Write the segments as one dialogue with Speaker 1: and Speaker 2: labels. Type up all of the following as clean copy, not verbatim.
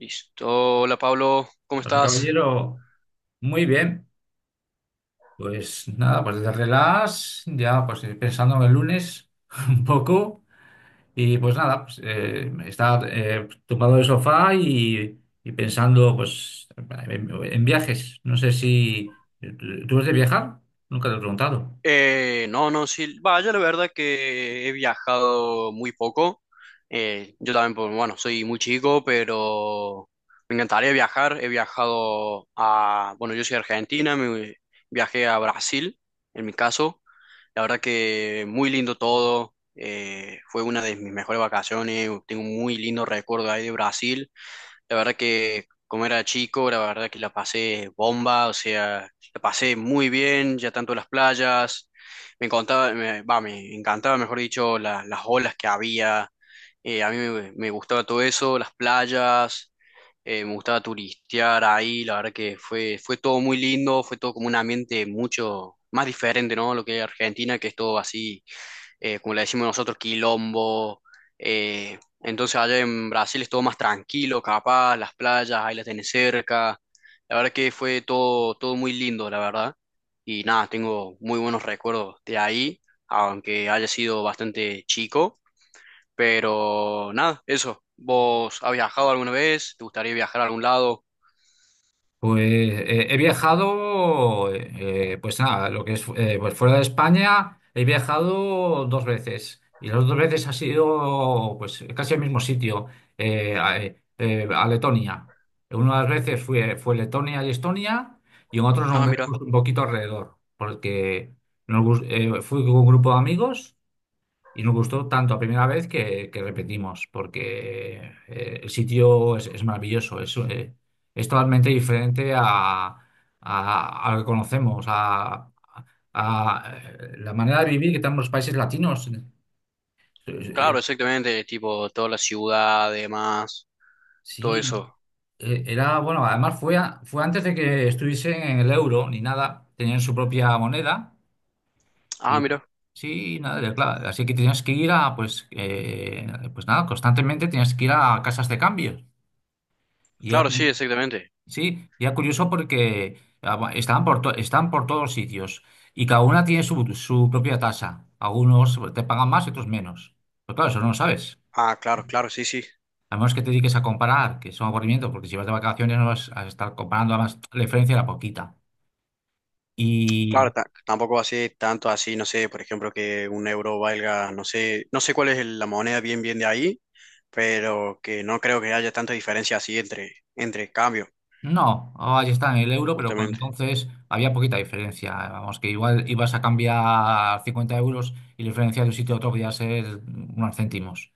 Speaker 1: Listo, hola Pablo, ¿cómo
Speaker 2: Hola,
Speaker 1: estás?
Speaker 2: caballero. Muy bien. Pues nada, pues desde relax, ya pues pensando en el lunes un poco. Y pues nada, pues, estaba tumbado en el sofá y pensando pues en viajes. No sé si ...¿Tú eres de viajar? Nunca te he preguntado.
Speaker 1: No, no, sí, vaya, la verdad que he viajado muy poco. Yo también, pues, bueno, soy muy chico, pero me encantaría viajar. He viajado a, bueno, yo soy de Argentina, viajé a Brasil, en mi caso. La verdad que muy lindo todo. Fue una de mis mejores vacaciones, tengo un muy lindo recuerdo ahí de Brasil. La verdad que como era chico, la verdad que la pasé bomba, o sea, la pasé muy bien, ya tanto las playas, me encantaba, me encantaba, mejor dicho, las olas que había, a mí me gustaba todo eso, las playas, me gustaba turistear ahí, la verdad que fue todo muy lindo, fue todo como un ambiente mucho más diferente, ¿no? Lo que es Argentina, que es todo así, como le decimos nosotros, quilombo. Entonces allá en Brasil es todo más tranquilo, capaz, las playas, ahí las tenés cerca. La verdad que fue todo, todo muy lindo, la verdad. Y nada, tengo muy buenos recuerdos de ahí, aunque haya sido bastante chico. Pero nada, eso. ¿Vos has viajado alguna vez? ¿Te gustaría viajar a algún lado?
Speaker 2: Pues he viajado, pues nada, lo que es pues fuera de España, he viajado dos veces y las dos veces ha sido pues casi el mismo sitio, a Letonia. Una de las veces fue Letonia y Estonia y en otros nos, ajá,
Speaker 1: Ah, mira.
Speaker 2: movimos un poquito alrededor, porque fui con un grupo de amigos y nos gustó tanto a primera vez que repetimos, porque el sitio es maravilloso, es totalmente diferente a lo que conocemos, la manera de vivir que tenemos los países latinos. Eh,
Speaker 1: Claro, exactamente. Tipo, toda la ciudad, demás, todo
Speaker 2: Sí,
Speaker 1: eso.
Speaker 2: era, bueno, además fue, fue antes de que estuviesen en el euro ni nada, tenían su propia moneda
Speaker 1: Ah,
Speaker 2: y
Speaker 1: mira.
Speaker 2: sí, nada, claro, así que tenías que ir a, pues, pues nada, constantemente tenías que ir a casas de cambio. Y era
Speaker 1: Claro, sí,
Speaker 2: cu-
Speaker 1: exactamente.
Speaker 2: sí, y era curioso porque estaban por, están por todos sitios y cada una tiene su propia tasa. Algunos te pagan más y otros menos. Pero claro, eso no lo sabes.
Speaker 1: Ah, claro, claro, sí, sí.
Speaker 2: A menos que te dediques a comparar, que es un aburrimiento, porque si vas de vacaciones no vas a estar comparando, además la diferencia era poquita. Y
Speaker 1: Claro, tampoco así, tanto así, no sé, por ejemplo, que un euro valga, no sé, cuál es la moneda bien bien de ahí, pero que no creo que haya tanta diferencia así entre cambios,
Speaker 2: no, ahí está en el euro, pero cuando
Speaker 1: justamente.
Speaker 2: entonces había poquita diferencia. Vamos, que igual ibas a cambiar 50 euros y la diferencia de un sitio a otro podía ser unos céntimos.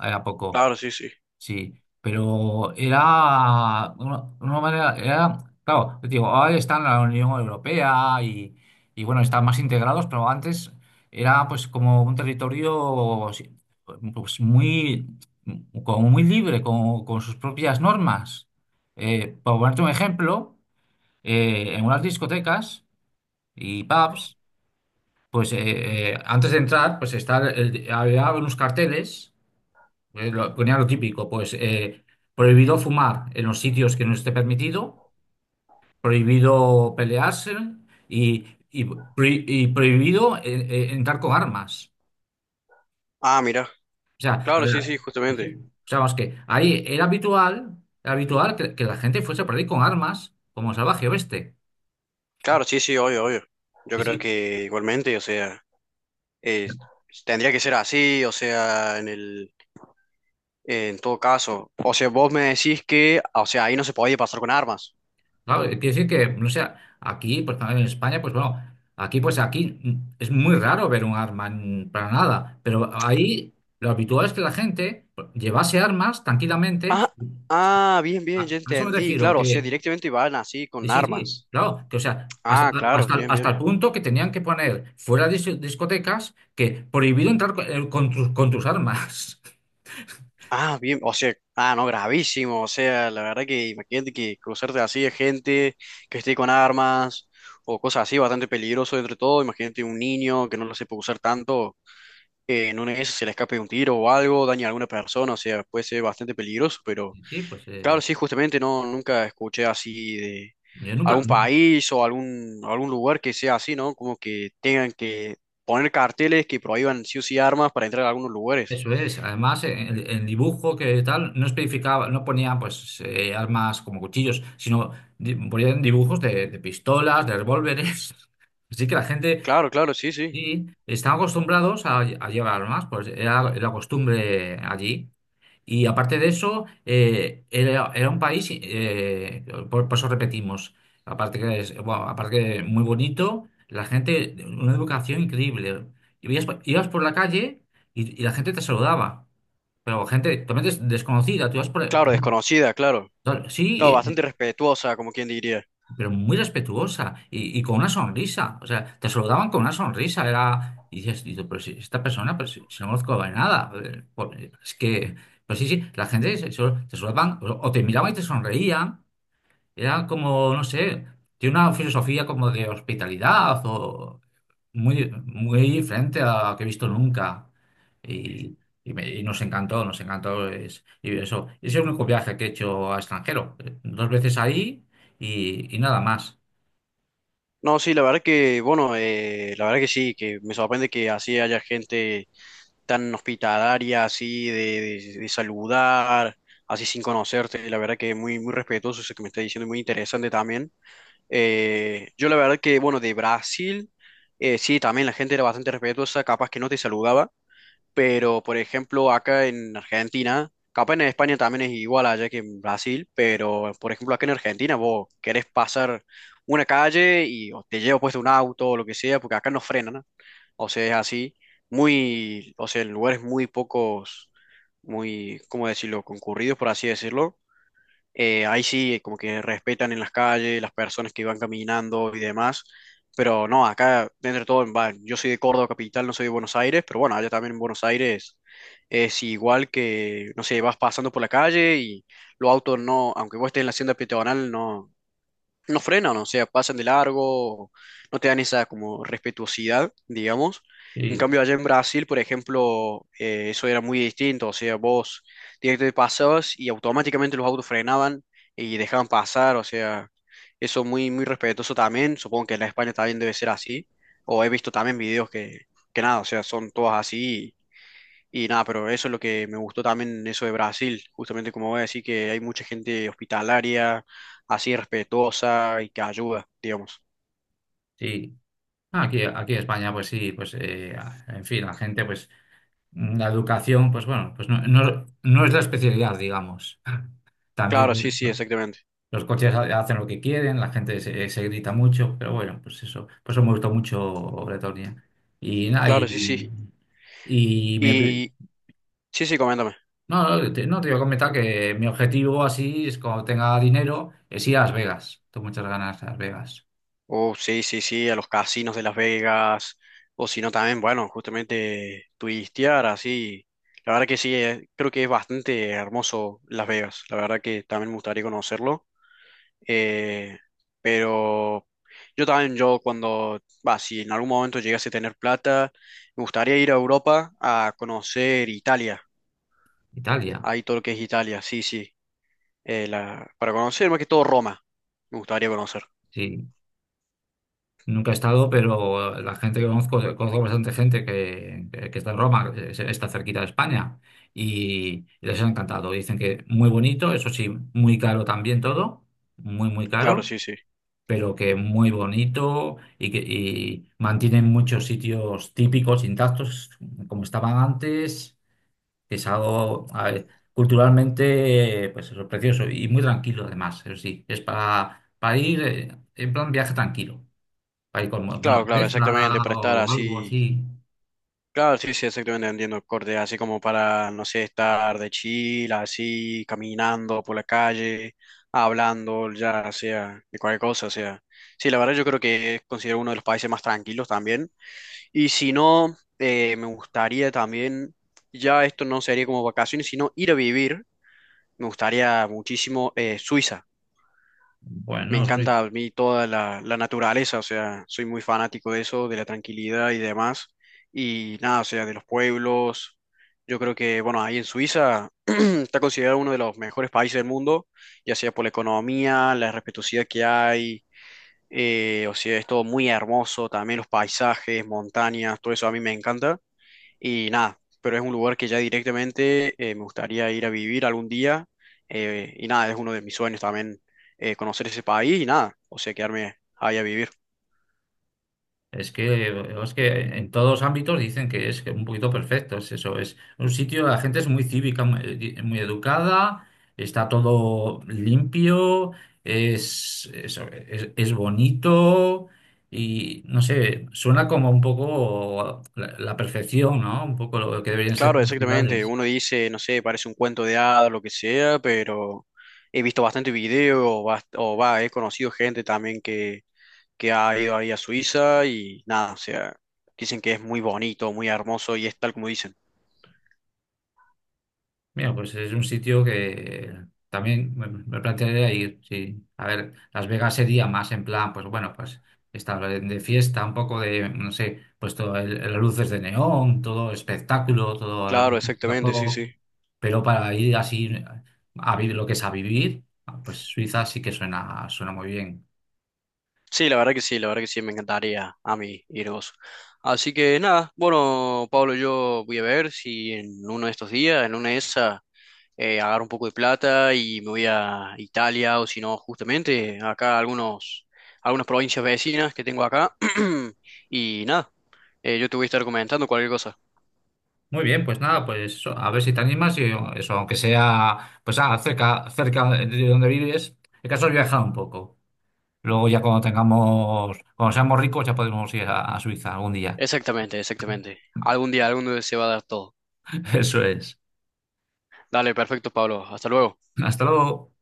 Speaker 2: Era poco.
Speaker 1: Claro, sí, sí.
Speaker 2: Sí, pero era una manera, era, claro, te digo, ahora están en la Unión Europea y bueno, están más integrados, pero antes era pues como un territorio sí, pues muy, como muy libre, con sus propias normas. Por ponerte un ejemplo, en unas discotecas y pubs, pues antes de entrar, pues está había unos carteles ponía lo típico, pues prohibido fumar en los sitios que no esté permitido, prohibido pelearse y prohibido entrar con armas.
Speaker 1: Ah, mira,
Speaker 2: O sea, a
Speaker 1: claro, sí,
Speaker 2: ver,
Speaker 1: sí,
Speaker 2: sí, sí.
Speaker 1: justamente.
Speaker 2: O sea, vamos que ahí era habitual que la gente fuese por ahí con armas como salvaje oeste.
Speaker 1: Claro, sí, sí, obvio, obvio. Yo
Speaker 2: Sí,
Speaker 1: creo
Speaker 2: sí.
Speaker 1: que igualmente, o sea, eh, tendría que ser así, o sea, en todo caso. O sea, vos me decís que, o sea, ahí no se podía pasar con armas.
Speaker 2: Claro, quiere decir que, no sé, aquí, pues en España, pues bueno, aquí, pues aquí es muy raro ver un arma para nada, pero ahí lo habitual es que la gente pues, llevase armas
Speaker 1: Ah,
Speaker 2: tranquilamente.
Speaker 1: ah, bien,
Speaker 2: A,
Speaker 1: bien, ya
Speaker 2: a eso me
Speaker 1: entendí.
Speaker 2: refiero,
Speaker 1: Claro, o
Speaker 2: que
Speaker 1: sea, directamente iban así
Speaker 2: y
Speaker 1: con
Speaker 2: sí, sí,
Speaker 1: armas.
Speaker 2: claro, que o sea, hasta,
Speaker 1: Ah, claro,
Speaker 2: hasta,
Speaker 1: sí, bien,
Speaker 2: hasta
Speaker 1: bien.
Speaker 2: el punto que tenían que poner fuera de discotecas que prohibido entrar con tus armas.
Speaker 1: Ah, bien, o sea, ah, no, gravísimo. O sea, la verdad que imagínate que cruzarte así de gente que esté con armas o cosas así, bastante peligroso entre todo. Imagínate un niño que no lo sepa usar tanto, en una de esas se le escape un tiro o algo, daña a alguna persona, o sea, puede ser bastante peligroso, pero.
Speaker 2: Sí, pues
Speaker 1: Claro, sí, justamente no, nunca escuché así de
Speaker 2: yo nunca.
Speaker 1: algún país o algún lugar que sea así, ¿no? Como que tengan que poner carteles que prohíban sí o sí armas para entrar a algunos lugares.
Speaker 2: Eso es. Además, en el dibujo que tal no especificaba, no ponía pues armas como cuchillos, sino ponían dibujos de pistolas, de revólveres. Así que la gente
Speaker 1: Claro, claro, sí, sí.
Speaker 2: sí, están acostumbrados a llevar armas, pues era la costumbre allí. Y aparte de eso, era un país, por eso repetimos, aparte que es, bueno, aparte que muy bonito, la gente, una educación increíble. Y veías ibas por la calle y la gente te saludaba, pero gente totalmente desconocida, tú ibas
Speaker 1: Claro, desconocida, claro.
Speaker 2: sí,
Speaker 1: Claro, bastante respetuosa, como quien diría.
Speaker 2: pero muy respetuosa y con una sonrisa. O sea, te saludaban con una sonrisa. Era, y dices, y tú, pero si esta persona, pero si, si no conozco de nada, es que, pues sí, sí, la gente te saludaban o te miraban y te sonreían. Era como, no sé, tiene una filosofía como de hospitalidad o muy, muy diferente a la que he visto nunca. Y, y nos encantó, nos encantó. Y eso, ese es el único viaje que he hecho a extranjero. Dos veces ahí y nada más.
Speaker 1: No, sí, la verdad que, bueno, la verdad que sí, que me sorprende que así haya gente tan hospitalaria, así de, de saludar, así sin conocerte. La verdad que muy, muy respetuoso eso que me está diciendo, muy interesante también. Yo la verdad que, bueno, de Brasil, sí, también la gente era bastante respetuosa, capaz que no te saludaba, pero por ejemplo acá en Argentina, capaz en España también es igual allá que en Brasil, pero por ejemplo acá en Argentina vos querés pasar una calle y o te lleva puesto un auto o lo que sea, porque acá no frenan, ¿no? O sea, es así, muy, o sea, en lugares muy pocos, muy, ¿cómo decirlo?, concurridos, por así decirlo, ahí sí, como que respetan en las calles, las personas que van caminando y demás. Pero no, acá, dentro de todo, va, yo soy de Córdoba capital, no soy de Buenos Aires, pero bueno, allá también en Buenos Aires es igual que, no sé, vas pasando por la calle y los autos no, aunque vos estés en la hacienda peatonal, no, no frenan, o sea, pasan de largo, no te dan esa como respetuosidad, digamos. En
Speaker 2: Sí,
Speaker 1: cambio, allá en Brasil, por ejemplo, eso era muy distinto, o sea, vos directamente pasabas y automáticamente los autos frenaban y dejaban pasar, o sea, eso muy, muy respetuoso también, supongo que en la España también debe ser así, o he visto también videos que nada, o sea, son todas así y nada, pero eso es lo que me gustó también, eso de Brasil, justamente como voy a decir que hay mucha gente hospitalaria, así respetuosa y que ayuda, digamos.
Speaker 2: sí. Ah, aquí, aquí en España, pues sí, pues en fin, la gente, pues la educación, pues bueno, pues no, no, no es la especialidad, digamos.
Speaker 1: Claro, sí,
Speaker 2: También
Speaker 1: sí, exactamente.
Speaker 2: los coches hacen lo que quieren, la gente se grita mucho, pero bueno, pues eso, por eso me gustó mucho Bretonia. Y nada,
Speaker 1: Claro, sí, sí.
Speaker 2: y me-
Speaker 1: Y sí, sí, coméntame.
Speaker 2: no, no, te iba a comentar que mi objetivo así es cuando tenga dinero, es ir a Las Vegas. Tengo muchas ganas de Las Vegas.
Speaker 1: Oh, sí, sí, sí, a los casinos de Las Vegas, o si no también, bueno, justamente turistear, así. La verdad que sí, creo que es bastante hermoso Las Vegas, la verdad que también me gustaría conocerlo. Eh, pero yo también, yo cuando, va, si en algún momento llegase a tener plata, me gustaría ir a Europa a conocer Italia,
Speaker 2: Italia,
Speaker 1: ahí todo lo que es Italia, sí, sí, para conocer más que todo Roma, me gustaría conocer,
Speaker 2: sí. Nunca he estado, pero la gente que conozco, conozco bastante gente que está en Roma, está cerquita de España, y les ha encantado. Dicen que muy bonito, eso sí, muy caro también todo, muy, muy
Speaker 1: claro,
Speaker 2: caro,
Speaker 1: sí, sí.
Speaker 2: pero que muy bonito y que mantienen muchos sitios típicos, intactos, como estaban antes, que es algo, a ver, culturalmente, pues eso, precioso y muy tranquilo además, eso sí, es para ir en plan viaje tranquilo para ir con alguna
Speaker 1: Claro, claro, exactamente,
Speaker 2: pareja
Speaker 1: para estar
Speaker 2: o algo
Speaker 1: así.
Speaker 2: así.
Speaker 1: Claro, sí, sí, exactamente, entiendo, corte, así como para, no sé, estar de chill, así, caminando por la calle, hablando, ya sea, de cualquier cosa, o sea. Sí, la verdad yo creo que es considerado uno de los países más tranquilos también. Y si no, me gustaría también, ya esto no sería como vacaciones, sino ir a vivir, me gustaría muchísimo, Suiza. Me
Speaker 2: Bueno, sí.
Speaker 1: encanta a mí toda la naturaleza, o sea, soy muy fanático de eso, de la tranquilidad y demás. Y nada, o sea, de los pueblos. Yo creo que, bueno, ahí en Suiza está considerado uno de los mejores países del mundo, ya sea por la economía, la respetuosidad que hay, o sea, es todo muy hermoso, también los paisajes, montañas, todo eso a mí me encanta. Y nada, pero es un lugar que ya directamente, me gustaría ir a vivir algún día. Y nada, es uno de mis sueños también, conocer ese país y nada, o sea, quedarme ahí a vivir.
Speaker 2: Es que, es que en todos los ámbitos dicen que es que un poquito perfecto, es un sitio, la gente es muy cívica, muy, muy educada, está todo limpio, es bonito y no sé, suena como un poco la perfección, ¿no? Un poco lo que deberían ser
Speaker 1: Claro,
Speaker 2: las
Speaker 1: exactamente,
Speaker 2: ciudades.
Speaker 1: uno dice, no sé, parece un cuento de hadas, lo que sea, pero he visto bastante video, o va, he conocido gente también que, ha ido ahí a Suiza y nada, o sea, dicen que es muy bonito, muy hermoso y es tal como dicen.
Speaker 2: Mira, pues es un sitio que también me plantearía ir, sí. A ver, Las Vegas sería más en plan, pues bueno, pues estar de fiesta, un poco de, no sé, pues las luces de neón, todo espectáculo, todo el
Speaker 1: Claro, exactamente, sí,
Speaker 2: juego.
Speaker 1: sí.
Speaker 2: Pero para ir así a vivir lo que es a vivir, pues Suiza sí que suena muy bien.
Speaker 1: Sí, la verdad que sí, la verdad que sí, me encantaría a mí ir vos. Así que nada, bueno, Pablo, yo voy a ver si en uno de estos días, en una de esas, agarro un poco de plata y me voy a Italia o si no, justamente acá a algunas provincias vecinas que tengo acá. Y nada, yo te voy a estar comentando cualquier cosa.
Speaker 2: Muy bien, pues nada, pues eso, a ver si te animas y eso, aunque sea, pues cerca, cerca de donde vives, el caso es viajar un poco. Luego ya cuando seamos ricos ya podremos ir a Suiza algún día.
Speaker 1: Exactamente, exactamente. Algún día se va a dar todo.
Speaker 2: Eso es.
Speaker 1: Dale, perfecto, Pablo. Hasta luego.
Speaker 2: Hasta luego.